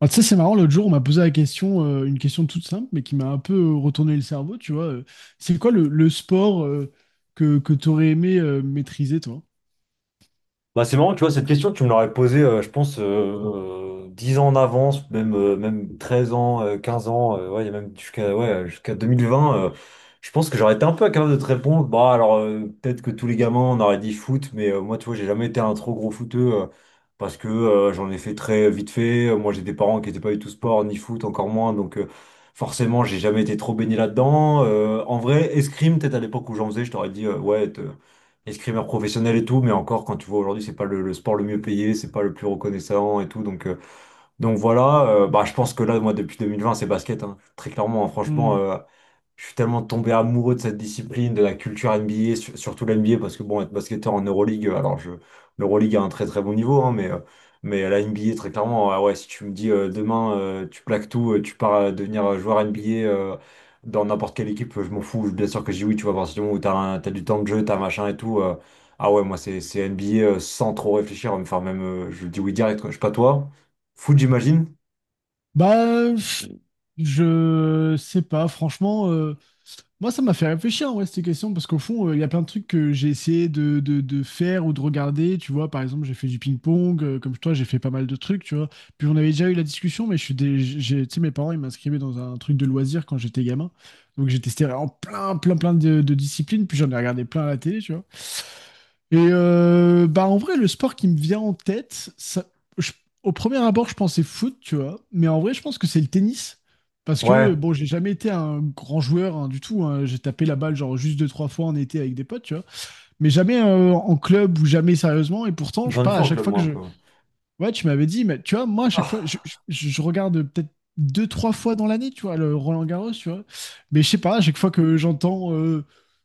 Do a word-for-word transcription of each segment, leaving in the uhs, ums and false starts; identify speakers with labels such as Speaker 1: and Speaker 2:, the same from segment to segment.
Speaker 1: Ah, tu sais, c'est marrant, l'autre jour, on m'a posé la question, euh, une question toute simple, mais qui m'a un peu euh, retourné le cerveau, tu vois. Euh, c'est quoi le, le sport euh, que, que tu aurais aimé euh, maîtriser, toi?
Speaker 2: Bah, c'est marrant, tu vois, cette question, tu me l'aurais posée, euh, je pense, euh, euh, dix ans en avance, même, euh, même treize ans, euh, quinze ans, euh, ouais, il y a même jusqu'à ouais, jusqu'à deux mille vingt. Euh, je pense que j'aurais été un peu capable de te répondre. Bah, alors, euh, peut-être que tous les gamins, on aurait dit foot, mais euh, moi, tu vois, j'ai jamais été un trop gros footeux euh, parce que euh, j'en ai fait très vite fait. Euh, Moi, j'ai des parents qui n'étaient pas du tout sport, ni foot, encore moins. Donc, euh, forcément, j'ai jamais été trop baigné là-dedans. Euh, en vrai, escrime, peut-être à l'époque où j'en faisais, je t'aurais dit, euh, ouais, escrimeur professionnel et tout, mais encore quand tu vois aujourd'hui, c'est pas le, le sport le mieux payé, c'est pas le plus reconnaissant et tout. Donc, euh, donc voilà, euh, bah, je pense que là, moi, depuis deux mille vingt, c'est basket, hein. Très clairement, hein, franchement,
Speaker 1: Hmm.
Speaker 2: euh, je suis tellement tombé amoureux de cette discipline, de la culture N B A, sur- surtout l'N B A, parce que bon, être basketteur en Euroleague, euh, alors je, l'Euroleague a un très très bon niveau, hein, mais, euh, mais à la N B A, très clairement, ah ouais, si tu me dis euh, demain, euh, tu plaques tout, euh, tu pars euh, devenir euh, joueur N B A euh, dans n'importe quelle équipe, euh, je m'en fous, bien sûr que je dis oui, tu vois, à partir du moment où t'as un- t'as du temps de jeu, t'as machin et tout, euh, ah ouais, moi c'est c'est N B A euh, sans trop réfléchir, enfin même, euh, je dis oui direct, quoi. Je sais pas toi. Foot, j'imagine?
Speaker 1: Bah, pff, je sais pas, franchement, euh, moi, ça m'a fait réfléchir, ouais, ces questions, parce qu'au fond, euh, il y a plein de trucs que j'ai essayé de, de- de faire ou de regarder. Tu vois, par exemple, j'ai fait du ping-pong, euh, comme toi, j'ai fait pas mal de trucs, tu vois. Puis on avait déjà eu la discussion, mais je suis des, j'ai, tu sais, mes parents, ils m'inscrivaient dans un truc de loisirs quand j'étais gamin. Donc j'ai testé en plein, plein, plein de, de disciplines, puis j'en ai regardé plein à la télé, tu vois. Et euh, bah en vrai, le sport qui me vient en tête, ça- je- au premier abord, je pensais foot, tu vois, mais en vrai, je pense que c'est le tennis. Parce que,
Speaker 2: Ouais,
Speaker 1: bon, j'ai jamais été un grand joueur, hein, du tout, hein. J'ai tapé la balle, genre, juste deux, trois fois en été avec des potes, tu vois. Mais jamais euh, en club ou jamais sérieusement. Et pourtant, je sais
Speaker 2: j'en ai
Speaker 1: pas,
Speaker 2: fait
Speaker 1: à
Speaker 2: en
Speaker 1: chaque
Speaker 2: club,
Speaker 1: fois que
Speaker 2: moi, un
Speaker 1: je,
Speaker 2: peu.
Speaker 1: ouais, tu m'avais dit, mais tu vois, moi, à chaque fois, je,
Speaker 2: Ah.
Speaker 1: je- je regarde peut-être deux, trois fois dans l'année, tu vois, le Roland Garros, tu vois. Mais je sais pas, à chaque fois que j'entends euh,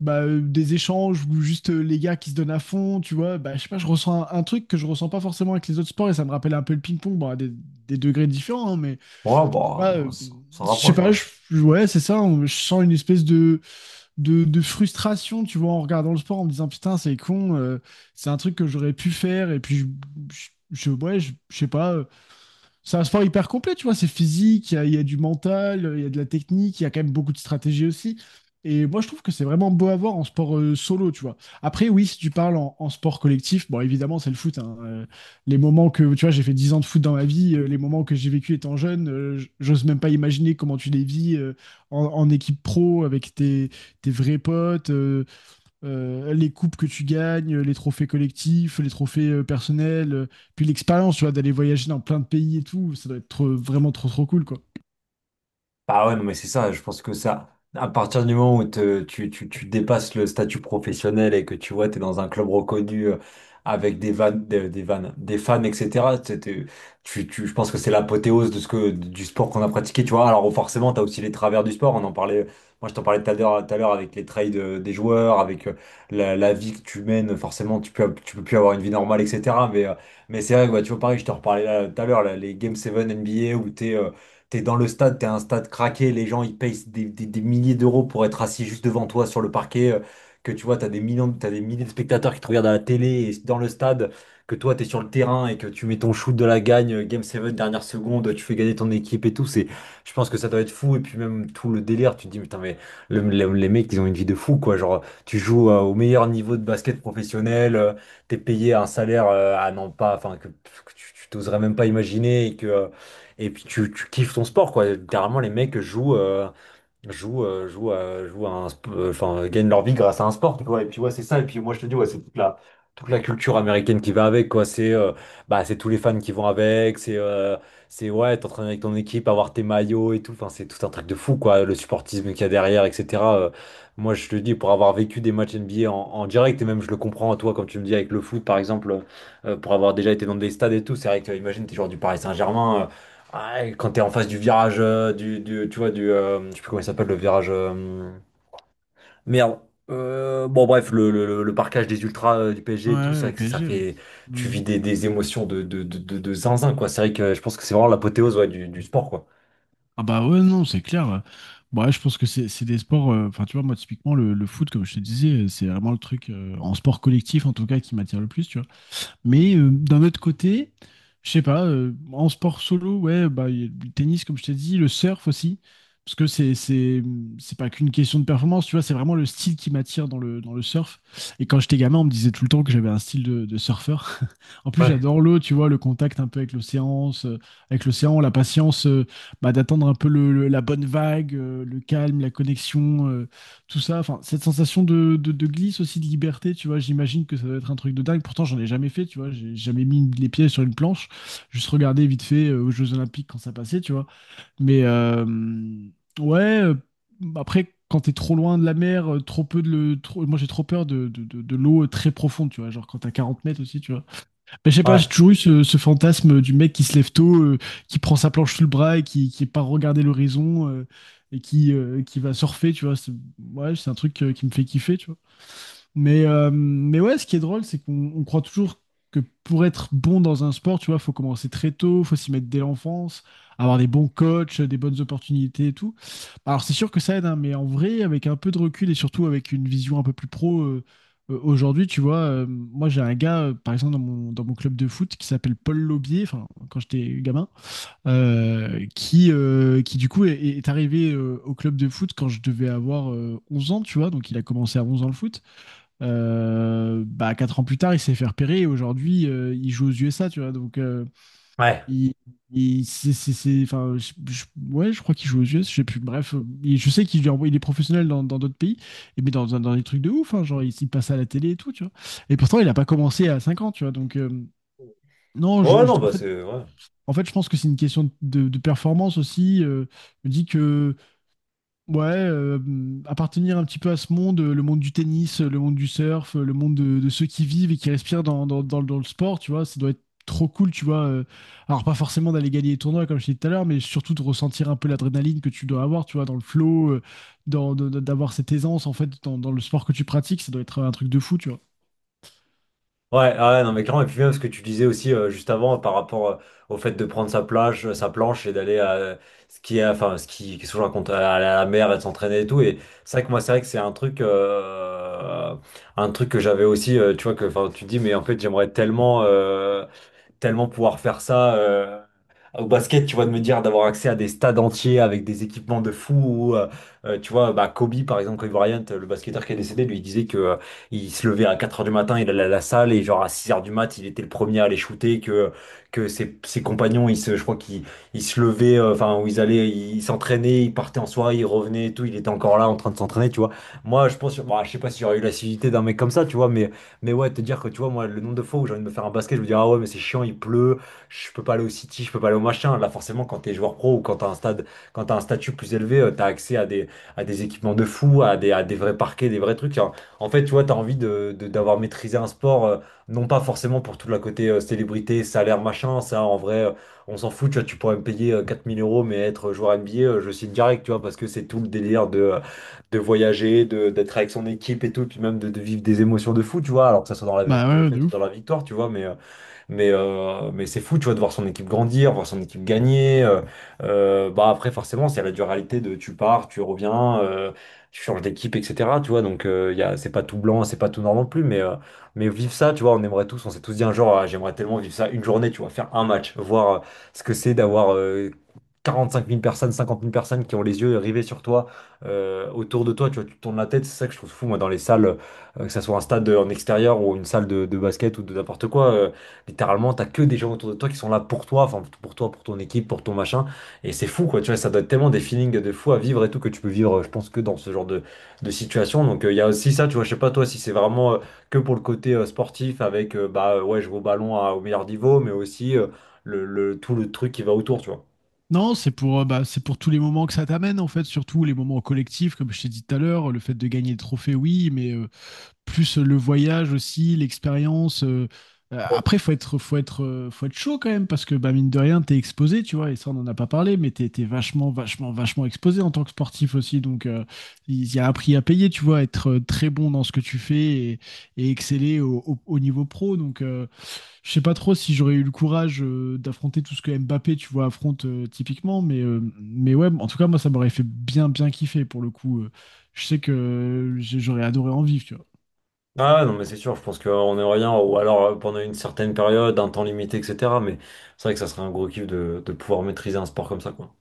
Speaker 1: bah, euh, des échanges ou juste euh, les gars qui se donnent à fond, tu vois, bah, je sais pas, je ressens un, un truc que je ressens pas forcément avec les autres sports et ça me rappelle un peu le ping-pong, bon, à des, des degrés différents, hein, mais
Speaker 2: Ouais,
Speaker 1: je sais
Speaker 2: bah,
Speaker 1: pas, euh,
Speaker 2: ça, ça
Speaker 1: je sais
Speaker 2: rapproche,
Speaker 1: pas,
Speaker 2: ouais.
Speaker 1: je- ouais, c'est ça, on- je sens une espèce de de, de frustration, tu vois, en regardant le sport, en me disant putain, c'est con, euh, c'est un truc que j'aurais pu faire, et puis je, je, je- ouais, je, je sais pas, euh, c'est un sport hyper complet, tu vois. C'est physique, il y, a il y a du mental, il y a de la technique, il y a quand même beaucoup de stratégie aussi. Et moi, je trouve que c'est vraiment beau à voir en sport euh, solo, tu vois. Après, oui, si tu parles en, en sport collectif, bon, évidemment, c'est le foot, hein. Euh, les moments que, tu vois, j'ai fait dix ans de foot dans ma vie, euh, les moments que j'ai vécu étant jeune, euh, j- j'ose même pas imaginer comment tu les vis euh, en, en équipe pro avec tes, tes vrais potes, euh, euh, les coupes que tu gagnes, les trophées collectifs, les trophées euh, personnels, euh, puis l'expérience, tu vois, d'aller voyager dans plein de pays et tout, ça doit être trop- vraiment trop trop cool, quoi.
Speaker 2: Bah ouais, non, mais c'est ça, je pense que ça, à partir du moment où te- tu, tu, tu dépasses le statut professionnel et que tu vois, t'es dans un club reconnu euh, avec des vannes, des, des vannes, des fans, et cetera, t'es- t'es- tu, tu, je pense que c'est l'apothéose de ce que, du sport qu'on a pratiqué, tu vois. Alors forcément, t'as aussi les travers du sport, on en parlait, moi je t'en parlais tout à l'heure, tout à l'heure avec les trades euh, des joueurs, avec euh, la, la vie que tu mènes, forcément, tu peux, tu peux plus avoir une vie normale, et cetera. Mais, euh, mais c'est vrai, que, ouais, tu vois, pareil, je t'en reparlais là tout à l'heure, là, les Game sept N B A où t'es. euh, T'es dans le stade, t'es un stade craqué, les gens ils payent des, des- des milliers d'euros pour être assis juste devant toi sur le parquet, euh, que tu vois, t'as des millions, t'as des milliers de spectateurs qui te regardent à la télé et dans le stade, que toi t'es sur le terrain et que tu mets ton shoot de la gagne, euh, Game sept, dernière seconde, tu fais gagner ton équipe et tout, c'est, je pense que ça doit être fou. Et puis même tout le délire, tu te dis, putain, mais le- le- les mecs, ils ont une vie de fou, quoi. Genre, tu joues euh, au meilleur niveau de basket professionnel, euh, t'es payé un salaire euh, à non pas, enfin, que, que tu tu t'oserais même pas imaginer et que. euh, et puis tu, tu kiffes ton sport, quoi. Littéralement, les mecs jouent, euh, jouent, euh, jouent, à- jouent à un, sp- euh, enfin, gagnent leur vie grâce à un sport, quoi. Et puis ouais, c'est ça. Et puis moi, je te dis, ouais, c'est toute la, toute la culture américaine qui va avec, quoi. C'est, euh, bah, c'est tous les fans qui vont avec. C'est, euh, c'est ouais, t'entraîner avec ton équipe, avoir tes maillots et tout. Enfin, c'est tout un truc de fou, quoi. Le supportisme qu'il y a derrière, et cetera. Euh, moi, je te dis, pour avoir vécu des matchs N B A en, en direct, et même je le comprends, toi, quand tu me dis avec le foot, par exemple, euh, pour avoir déjà été dans des stades et tout, c'est vrai que, euh, imagine, t'es joueur du Paris Saint-Germain. euh, ah, et quand t'es en face du virage, euh, du, du- tu vois, du, euh, je sais plus comment il s'appelle, le virage. euh, merde. Euh, bon, bref, le, le, le- le parquage des ultras euh, du P S G
Speaker 1: Ouais,
Speaker 2: et tout,
Speaker 1: ouais,
Speaker 2: c'est
Speaker 1: au
Speaker 2: vrai que ça
Speaker 1: P S G, ouais.
Speaker 2: fait. Tu vis
Speaker 1: Mhm.
Speaker 2: des, des émotions de, de, de, de- de zinzin, quoi. C'est vrai que je pense que c'est vraiment l'apothéose ouais, du, du sport, quoi.
Speaker 1: Ah bah ouais, non, c'est clair. Bon, ouais, je pense que c'est c'est des sports, euh, enfin tu vois, moi typiquement le, le foot, comme je te disais, euh, c'est vraiment le truc euh, en sport collectif en tout cas qui m'attire le plus, tu vois. Mais euh, d'un autre côté, je sais pas, euh, en sport solo, ouais, bah, il y a le tennis, comme je t'ai dit, le surf aussi, parce que c'est, c'est, c'est pas qu'une question de performance, tu vois, c'est vraiment le style qui m'attire dans le, dans le surf. Et quand j'étais gamin, on me disait tout le temps que j'avais un style de, de surfeur. En plus,
Speaker 2: Ouais.
Speaker 1: j'adore l'eau, tu vois, le contact un peu avec l'océan, euh, avec l'océan, la patience, euh, bah, d'attendre un peu le- le- la bonne vague, euh, le calme, la connexion. Euh, tout ça, enfin, cette sensation de, de, de glisse aussi, de liberté, tu vois, j'imagine que ça doit être un truc de dingue. Pourtant, j'en ai jamais fait, tu vois, j'ai jamais mis les pieds sur une planche, juste regarder vite fait euh, aux Jeux Olympiques quand ça passait, tu vois. Mais euh, ouais, euh, Après, quand t'es trop loin de la mer, euh, trop peu de le, trop- moi j'ai trop peur de, de, de- de l'eau euh, très profonde, tu vois, genre quand t'as quarante mètres aussi, tu vois. Mais je sais pas, j'ai
Speaker 2: Ouais.
Speaker 1: toujours eu ce, ce fantasme du mec qui se lève tôt, euh, qui prend sa planche sous le bras et qui, qui part regarder l'horizon euh, et qui, euh, qui va surfer, tu vois. C'est, ouais, c'est un truc euh, qui me fait kiffer, tu vois. Mais, euh, mais ouais, ce qui est drôle, c'est qu'on on croit toujours que pour être bon dans un sport, tu vois, faut commencer très tôt, faut s'y mettre dès l'enfance, avoir des bons coachs, des bonnes opportunités et tout. Alors c'est sûr que ça aide, hein, mais en vrai, avec un peu de recul et surtout avec une vision un peu plus pro euh, euh, aujourd'hui, tu vois, euh, moi j'ai un gars, euh, par exemple, dans mon, dans mon club de foot qui s'appelle Paul Laubier, enfin, quand j'étais gamin, euh, qui, euh, qui du coup est, est arrivé euh, au club de foot quand je devais avoir euh, onze ans, tu vois, donc il a commencé à onze ans le foot. Euh, bah, quatre ans plus tard, il s'est fait repérer et aujourd'hui, euh, il joue aux U S A, tu vois. Donc, euh,
Speaker 2: Ouais.
Speaker 1: il, il- c'est, c'est- c'est- enfin, je- je- ouais, je crois qu'il joue aux U S A, je sais plus. Bref, euh, il- je sais qu'il lui envoie- il est professionnel dans dans d'autres pays, et- mais dans, dans, dans des trucs de ouf, hein, genre, il, il passe à la télé et tout, tu vois. Et pourtant, il n'a pas commencé à cinq ans, tu vois. Donc, euh, non, je,
Speaker 2: Ouais,
Speaker 1: je-
Speaker 2: non,
Speaker 1: en
Speaker 2: bah
Speaker 1: fait,
Speaker 2: c'est. Ouais.
Speaker 1: en fait, je pense que c'est une question de, de performance aussi. Euh, je me dis que ouais, euh, appartenir un petit peu à ce monde, euh, le monde du tennis, euh, le monde du surf, euh, le monde de, de ceux qui vivent et qui respirent dans, dans, dans le dans le sport, tu vois, ça doit être trop cool, tu vois. Euh, alors, pas forcément d'aller gagner les tournois, comme je t'ai dit tout à l'heure, mais surtout de ressentir un peu l'adrénaline que tu dois avoir, tu vois, dans le flow, euh, dans, de- de- d'avoir cette aisance, en fait, dans, dans le sport que tu pratiques, ça doit être un truc de fou, tu vois.
Speaker 2: Ouais, ah ouais, non, mais clairement, et puis même ce que tu disais aussi euh, juste avant par rapport euh, au fait de prendre sa plage, euh, sa planche et d'aller à ce qui est, enfin, ce qui, qu'est-ce que je raconte, à aller à la mer et de s'entraîner et tout. Et c'est vrai que moi, c'est vrai que c'est un truc, euh, un truc que j'avais aussi, euh, tu vois, que, enfin, tu te dis, mais en fait, j'aimerais tellement, euh, tellement pouvoir faire ça euh, au basket, tu vois, de me dire d'avoir accès à des stades entiers avec des équipements de fou. Ou, euh, euh, tu vois, bah, Kobe, par exemple, Kobe Bryant, le basketteur qui est décédé, lui il disait que euh, il se levait à quatre heures du matin, il allait à la salle et genre à six heures du mat, il était le premier à aller shooter, que, que ses, ses compagnons, ils se, je crois qu'ils ils se levaient, euh, enfin, où ils allaient, ils s'entraînaient, ils partaient en soirée, ils revenaient et tout, il était encore là en train de s'entraîner, tu vois. Moi, je pense, bah, je sais pas si j'aurais eu l'assiduité d'un mec comme ça, tu vois, mais mais ouais, te dire que tu vois, moi, le nombre de fois où j'ai envie de me faire un basket, je me dis, ah ouais, mais c'est chiant, il pleut, je peux pas aller au City, je peux pas aller au machin. Là, forcément, quand t'es joueur pro ou quand t'as un stade, quand t'as un statut plus élevé, euh, t'as accès à des, à des équipements de fou, à des, à des vrais parquets, des vrais trucs. En en fait, tu vois, t'as envie de, de- d'avoir maîtrisé un sport, euh, non pas forcément pour tout le côté euh, célébrité, salaire, machin. Ça, en vrai, euh, on s'en fout, tu vois, tu pourrais me payer euh, quatre mille euros, mais être joueur N B A, euh, je signe direct, tu vois, parce que c'est tout le délire de. euh, de voyager, de, d'être avec son équipe et tout, puis même de, de vivre des émotions de fou, tu vois, alors que ça soit dans la
Speaker 1: Bah ouais, de
Speaker 2: défaite ou dans
Speaker 1: ouf.
Speaker 2: la victoire, tu vois, mais euh, mais, euh, mais c'est fou, tu vois, de voir son équipe grandir, voir son équipe gagner. euh, euh, bah après, forcément, c'est la dualité de tu pars, tu reviens, euh, tu changes d'équipe, et cetera. Tu vois, donc euh, y a, c'est pas tout blanc, c'est pas tout noir non plus, mais, euh, mais vivre ça, tu vois, on aimerait tous, on s'est tous dit un jour, ah, j'aimerais tellement vivre ça une journée, tu vois, faire un match, voir euh, ce que c'est d'avoir euh, quarante-cinq mille personnes, cinquante mille personnes qui ont les yeux rivés sur toi, euh, autour de toi, tu vois, tu tournes la tête, c'est ça que je trouve fou, moi, dans les salles, euh, que ça soit un stade en extérieur ou une salle de, de basket ou de n'importe quoi. euh, Littéralement, t'as que des gens autour de toi qui sont là pour toi, enfin pour toi, pour ton équipe, pour ton machin. Et c'est fou, quoi. Tu vois, ça doit être tellement des feelings de fou à vivre et tout que tu peux vivre, euh, je pense, que dans ce genre de, de situation. Donc, euh, il y a aussi ça, tu vois. Je sais pas, toi, si c'est vraiment euh, que pour le côté euh, sportif avec, euh, bah, euh, ouais, je vais au ballon à- au meilleur niveau, mais aussi euh, le, le- tout le truc qui va autour, tu vois.
Speaker 1: Non, c'est pour, euh, bah, c'est pour tous les moments que ça t'amène, en fait, surtout les moments collectifs, comme je t'ai dit tout à l'heure, le fait de gagner le trophée, oui, mais. Euh, plus le voyage aussi, l'expérience. Euh, euh, après, faut être, faut être, euh, faut être chaud quand même parce que bah, mine de rien, t'es exposé, tu vois. Et ça, on n'en a pas parlé, mais t'es, t'es vachement, vachement, vachement exposé en tant que sportif aussi. Donc, euh, il y a un prix à payer, tu vois, être euh, très bon dans ce que tu fais et, et exceller au, au- au niveau pro. Donc, euh, je sais pas trop si j'aurais eu le courage euh, d'affronter tout ce que Mbappé, tu vois, affronte euh, typiquement. Mais, euh, mais ouais, en tout cas, moi, ça m'aurait fait bien, bien kiffer pour le coup. Euh, je sais que j'ai- j'aurais adoré en vivre, tu vois.
Speaker 2: Ah ouais, non, mais c'est sûr, je pense qu'on est rien, ou alors euh, pendant une certaine période, un temps limité, et cetera. Mais c'est vrai que ça serait un gros kiff de, de pouvoir maîtriser un sport comme ça, quoi.